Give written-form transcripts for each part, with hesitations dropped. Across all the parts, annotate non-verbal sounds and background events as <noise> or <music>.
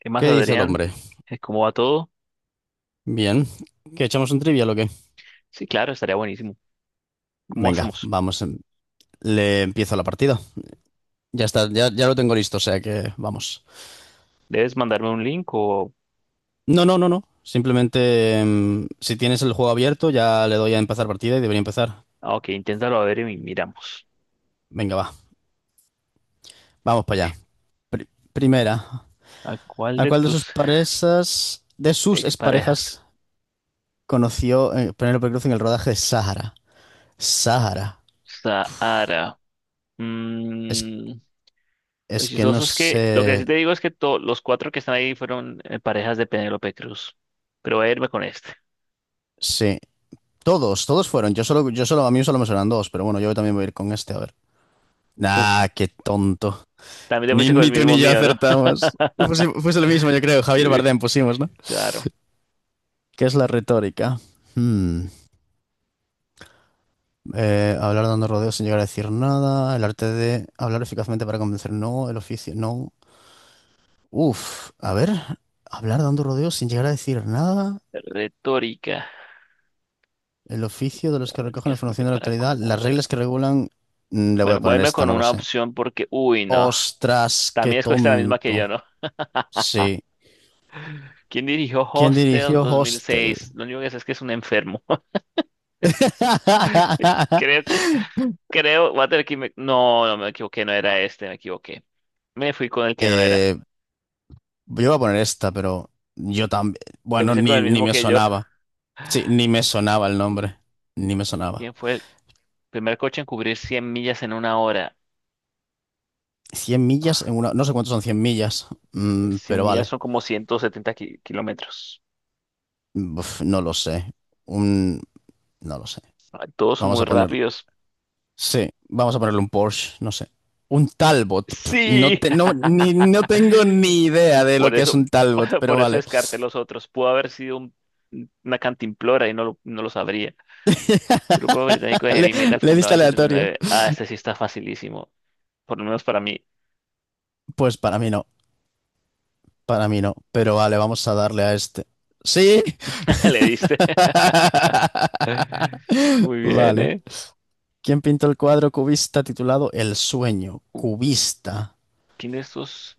¿Qué más, ¿Qué dice el Adrián? hombre? ¿Cómo va todo? Bien. ¿Que echamos un trivia o qué? Sí, claro, estaría buenísimo. ¿Cómo Venga, hacemos? vamos. Le empiezo la partida. Ya está, ya lo tengo listo, o sea que vamos. ¿Debes mandarme un link o...? No, no, no, no. Simplemente, si tienes el juego abierto, ya le doy a empezar partida y debería empezar. Ah, ok, inténtalo a ver y miramos. Venga, va. Vamos para Ok. allá. Pri- primera. ¿A cuál ¿A de cuál de sus tus parejas, de sus exparejas? exparejas, conoció Penélope Cruz en el rodaje de Sahara? Sahara. Sahara. Es, Mm, lo es que no chistoso es que... Lo que sé. sí te digo es que los cuatro que están ahí fueron parejas de Penélope Cruz. Pero voy a irme con este. Sí. Todos, todos fueron. A mí solo me suenan dos, pero bueno, yo también voy a ir con este, a ver. Uf, Nah, qué tonto. también te Ni, fuiste con el ni tú mismo ni yo mío, ¿no? <laughs> acertamos. Fuese lo mismo, yo creo. Javier Sí, Bardem pusimos, ¿no? claro. ¿Qué es la retórica? Hmm. Hablar dando rodeos sin llegar a decir nada. El arte de hablar eficazmente para convencer, no. El oficio, no. Uf, a ver. Hablar dando rodeos sin llegar a decir nada. Retórica. El oficio de los A que ver, ¿qué recogen hace información de la para actualidad. Las conmover? reglas que regulan. Le voy a Bueno, voy a poner irme esta, con no lo una sé. opción porque... Uy, no. Ostras, qué También escogiste la misma que yo, tonto. ¿no? <laughs> Sí. ¿Quién dirigió ¿Quién Hostel dirigió Hostel? 2006? Lo único que sé es que es un enfermo. <laughs> Creo, <laughs> creo, voy a tener que... No, no, me equivoqué, no era este, me equivoqué. Me fui con el que no era. Eh, yo iba a poner esta, pero yo también. Te Bueno, fuiste con ni, el ni mismo me que yo. sonaba. Sí, ni <laughs> me sonaba el nombre. Ni me sonaba. ¿Quién fue el primer coche en cubrir 100 millas en una hora? Cien millas en una. No sé cuántos son cien millas, 100 pero millas vale. son como 170 kilómetros. Uf, no lo sé. Un. No lo sé. Ay, todos son Vamos muy a poner. rápidos. Sí, vamos a ponerle un Porsche, no sé. Un Talbot. Pf, no, Sí. te- no, ni, no tengo <laughs> ni idea de lo Por que es eso, un Talbot, <laughs> pero por eso vale. descarté los otros. Pudo haber sido una cantimplora y no lo sabría. Grupo británico <laughs> de Le, heavy metal le fundado diste en el setenta y aleatorio. nueve Ah, este sí está facilísimo. Por lo menos para mí. Pues para mí no, para mí no. Pero vale, vamos a darle a este. ¡Sí! <laughs> Le diste. <laughs> <laughs> Muy bien, Vale. ¿eh? ¿Quién pintó el cuadro cubista titulado El sueño? Uh, Cubista. ¿Quién de estos?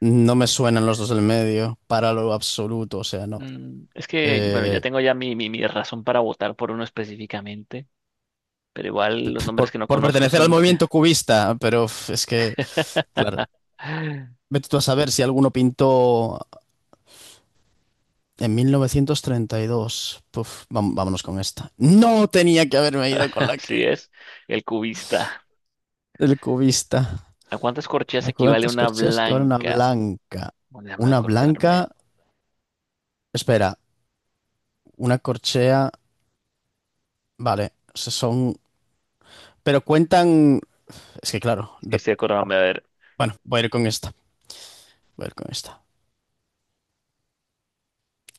No me suenan los dos del medio, para lo absoluto, o sea, no. Es que, bueno, ya Eh, tengo ya mi razón para votar por uno específicamente. Pero igual los nombres que no por conozco pertenecer son al los que... movimiento cubista, pero uf, es que, claro. <laughs> Vete tú a saber si alguno pintó en 1932. Puf, vámonos con esta. No tenía que haberme ido con la que... Así es. El cubista. El cubista. ¿A cuántas corcheas ¿A equivale cuántas una corcheas que vale una blanca? blanca? Bueno, déjame Una acordarme. blanca... Espera, una corchea... Vale, se son... Pero cuentan... Es que claro, Es que estoy acordándome, a ver. bueno, voy a ir con esta. Voy a ir con esta.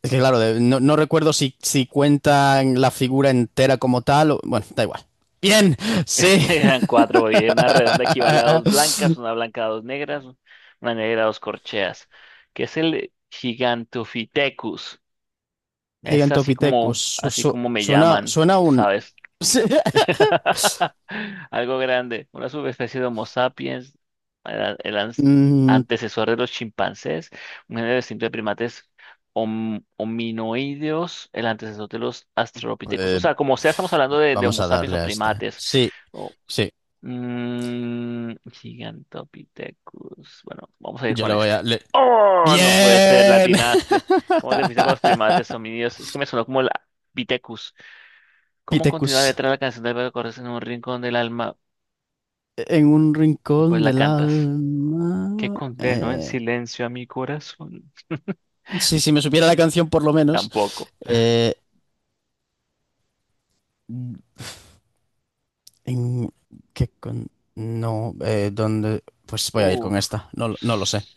Es que claro, no, no recuerdo si, si cuentan la figura entera como tal o... Bueno, da igual. Bien, <laughs> sí. Eran cuatro, porque una redonda equivale a dos blancas, <laughs> una blanca a dos negras, una negra a dos corcheas. ¿Que es el Gigantopithecus? Es Gigantopithecus. Así como me Suena, llaman, suena un... ¿sabes? <laughs> <laughs> Algo grande, una subespecie de Homo sapiens, el Mm, antecesor de los chimpancés, un género distinto de primates hominoideos, el antecesor de los australopithecus. O eh, sea, como sea, estamos hablando de vamos Homo a sapiens darle o a este. primates. Sí, O, sí. Gigantopithecus. Bueno, vamos a ir Yo con le voy este. a... ¡Oh! No puede ser, ¡Bien! latinaste. ¿Cómo te fuiste con los primates homídeos? Es que me sonó como el Pithecus. <laughs> ¿Cómo continúa la Pithecus. letra de la canción del Beto Cortés en un rincón del alma? En un Pues rincón la del cantas. ¿Qué alma. condeno en silencio a mi corazón? Sí, si me supiera la canción por lo menos. Tampoco. Eh, en, ¿qué con- No, ¿dónde? Pues voy a ir con Uf. esta. No, no lo sé.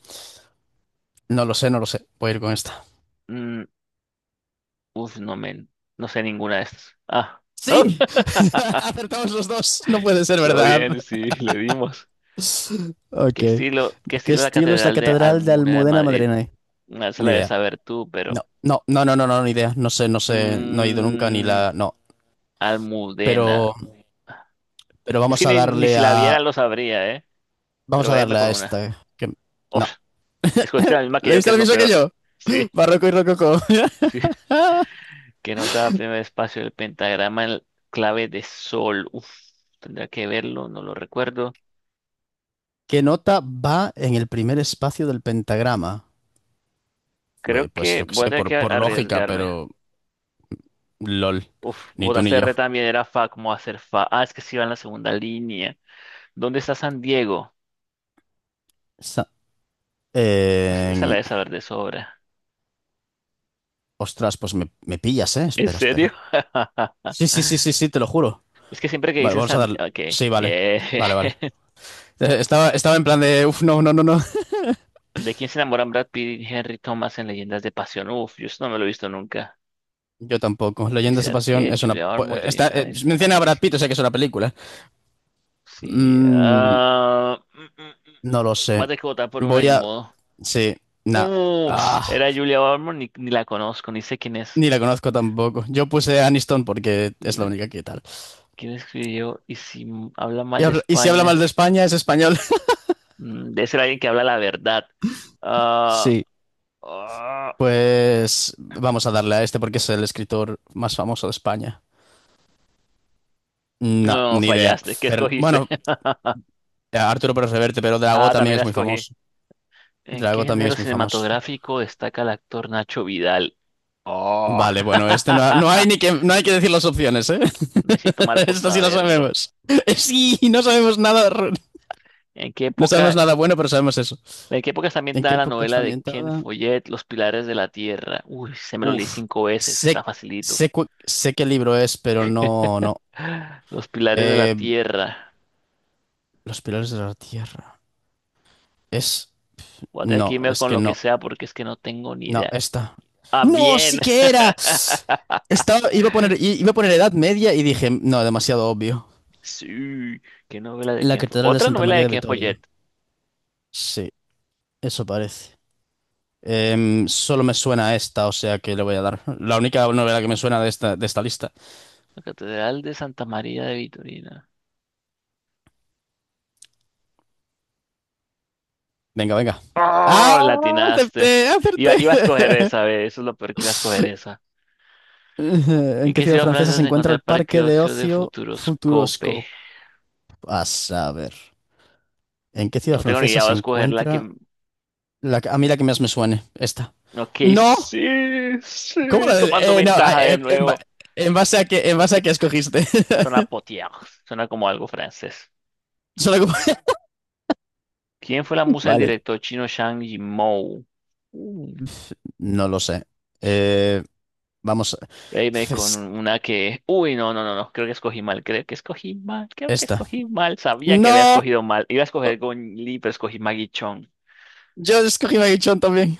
No lo sé. Voy a ir con esta. Mm, Uf, no men. No sé ninguna de estas. Ah. Sí, <laughs> <laughs> acertamos los dos. No puede ser Todo verdad. bien, sí, le dimos. Ok. ¿Qué ¿De estilo, qué qué estilo es la estilo es la Catedral de Catedral de Almunia de Almudena Madrid? Madrileña? Ah, esa Ni la debes idea. saber tú, pero. No, ni idea. No sé, no he ido nunca ni mm, la. No. Almudena. Pero, pero Es vamos que a ni darle si la a. viera lo sabría, ¿eh? Vamos Pero a váyame darle con a una. esta. Que... Uf. No. Escogiste la misma que ¿Le yo, que diste es lo lo mismo que peor. yo? Sí, Barroco y rococó. sí. <laughs> ¿Que nota primer espacio del pentagrama en clave de sol? Uf, tendría que verlo, no lo recuerdo. ¿Qué nota va en el primer espacio del pentagrama? Creo Bueno, pues que yo qué voy a sé, tener que por lógica, arriesgarme. pero. LOL. Uf, Ni tú ni votaste R yo. también, era Fa, ¿cómo hacer Fa? Ah, es que sí va en la segunda línea. ¿Dónde está San Diego? Esa la Eh, de saber de sobra. ostras, pues me pillas, ¿eh? ¿En Espera, serio? espera. Sí, sí, sí, sí, <laughs> sí, te lo juro. Es que siempre que Vale, dicen vamos a San... dar. Ok, Sí, vale. bien. Vale, vale. <laughs> Estaba en plan de. Uf, no, no, no, no. <laughs> ¿De quién se enamoran Brad Pitt y Henry Thomas en Leyendas de Pasión? Uf, yo eso no me lo he visto nunca. Yo tampoco. Leyendas Patricia de Pasión Arquette, es una. Julia Ormond, Está, Jennifer Aniston, menciona a Ashley Brad Pitt, o Simpson. sea que es una película. Sí. Mm, Mm. no lo Voy a sé. tener que votar por una, Voy ni a. modo. Sí, nah. Uh, Ah, Era Julia Ormond, ni la conozco, ni sé quién es. ni la conozco tampoco. Yo puse Aniston porque es la Mm, única que tal. ¿Quién escribió? Y si habla mal de Y si habla mal de España, España, es español. Debe ser alguien que habla la verdad. <laughs> Ah, Sí. ah, Pues vamos a darle a este porque es el escritor más famoso de España. No, no, ni idea. fallaste. ¿Qué escogiste? Bueno, <laughs> Arturo Pérez Reverte, pero Drago Ah, también también es la muy escogí. famoso. ¿En qué Drago también género es muy famoso. cinematográfico destaca el actor Nacho Vidal? Oh. Vale, bueno, este no, no hay ni <laughs> que, no hay que decir las opciones, ¿eh? Me siento <laughs> mal por Esto sí lo saberlo. sabemos. <laughs> Sí, no sabemos nada, ¿En qué no sabemos época, nada bueno, pero sabemos eso. en qué época está ¿En qué ambientada la época novela está de Ken ambientada? Follett, Los Pilares de la Tierra? Uy, se me lo leí Uf, 5 veces, sé, está facilito. Sé qué libro es, pero no, <gasps> no. <sighs> Los Pilares de la Eh, Tierra. Los pilares de la tierra. Es, Voy a tener que no, irme es con que lo que no. sea porque es que no tengo ni No, idea. esta. Ah, ¡No! ¡Sí bien. que era! Estaba, iba a poner, <laughs> i- iba a poner Edad Media y dije, no, demasiado obvio. Sí, qué novela de La Ken Follett. Catedral de Otra Santa novela María de de Ken Vittorio. Follett. Sí, eso parece. Solo me suena a esta, o sea que le voy a dar. La única novela que me suena de esta lista. La Catedral de Santa María de Vitorina. Venga, venga. ¡Oh! ¡Ah! La atinaste. ¡Acerté! Iba, ¡Acerté! iba a escoger esa, ve, eso es lo peor que iba a escoger. <laughs> ¿En ¿En qué qué ciudad ciudad francesa francesa se se encuentra encuentra el el Parque parque de Ocio de ocio Futuroscope? Futuroscope? A saber. ¿En qué ciudad No tengo ni francesa idea, voy se a escoger la que... encuentra? A mí la que más me suene, esta. Ok, No, sí, sí, ¿cómo la tomando de- no, ventaja de en, ba- nuevo. en base a que, en base a que escogiste. Suena <laughs> potier, suena como algo francés. Solo como- ¿Quién fue la musa del Vale, director chino Zhang Yimou? Uh, no lo sé. Eh, vamos, Reíme con es- una que... Uy, no, no, no, no, creo que escogí mal, creo que escogí mal, creo que esta. escogí mal. Sabía que había No, escogido mal. Iba a escoger Gong Li, pero escogí Maggie Chong. yo escogí Maguichón también.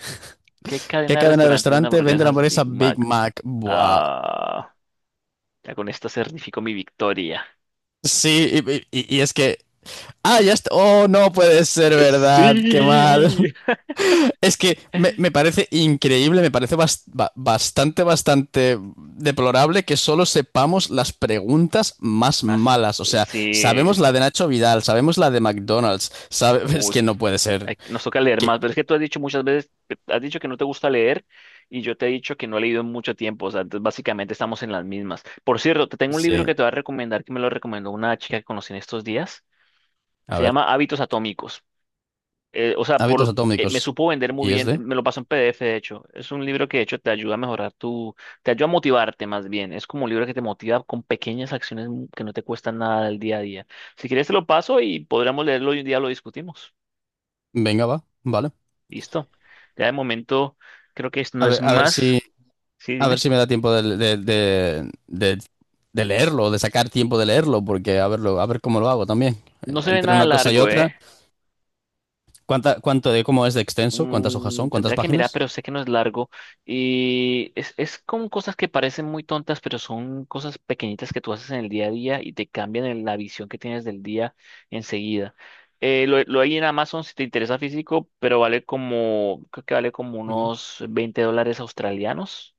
¿Qué cadena ¿Qué de cadena de restaurantes vende restaurante vende la hamburguesas hamburguesa Big Big Mac? Mac? Buah. Ah... Ya con esto certifico mi victoria. Sí, y es que... Ah, ya está. Oh, no puede ser <laughs> Sí. verdad, qué mal. Es que me parece increíble, me parece bastante, bastante deplorable que solo sepamos las preguntas más Más, malas. O sea, sí. sabemos la de Nacho Vidal, sabemos la de McDonald's, <laughs> es Uy, que no puede ser nos toca leer que... más, pero es que tú has dicho muchas veces, has dicho que no te gusta leer y yo te he dicho que no he leído en mucho tiempo, o sea, entonces básicamente estamos en las mismas. Por cierto, te tengo un libro Sí, que te voy a recomendar, que me lo recomendó una chica que conocí en estos días. a Se ver, llama Hábitos Atómicos. O sea, hábitos me atómicos. supo vender muy ¿Y es bien, de? me lo pasó en PDF, de hecho. Es un libro que de hecho te ayuda a mejorar te ayuda a motivarte más bien. Es como un libro que te motiva con pequeñas acciones que no te cuestan nada del día a día. Si quieres te lo paso y podríamos leerlo y un día lo discutimos. Venga, va, vale. Listo. Ya de momento creo que no A es ver, a ver si, más. Sí, a ver dime. si me da tiempo de leerlo, de sacar tiempo de leerlo, porque a verlo, a ver cómo lo hago también. No se ve Entre nada una cosa y largo, otra. ¿eh? ¿Cuánto de cómo es de extenso? ¿Cuántas hojas son? ¿Cuántas Tendría que mirar, páginas? pero sé que no es largo. Y es con cosas que parecen muy tontas, pero son cosas pequeñitas que tú haces en el día a día y te cambian la visión que tienes del día enseguida. Lo hay en Amazon si te interesa físico, pero vale como, creo que vale como Ujú, unos 20 dólares australianos.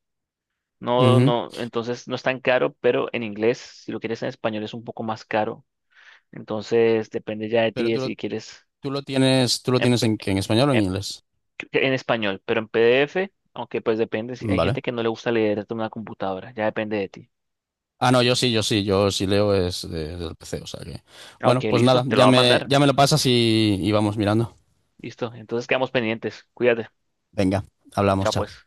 No, ujú. no, entonces no es tan caro, pero en inglés, si lo quieres en español, es un poco más caro. Entonces depende ya de ti Pero de tú lo, si quieres tú lo tienes empe- en, qué, en español o en em- inglés. en español, pero en PDF, aunque pues depende, si hay Vale. gente que no le gusta leer en una computadora, ya depende de ti. Ah, no, yo sí leo es desde el PC, o sea que. Bueno, Ok, pues listo, nada, te lo voy a mandar. ya me lo pasas y vamos mirando. Listo, entonces quedamos pendientes. Cuídate. Venga, hablamos, Chao pues. chao.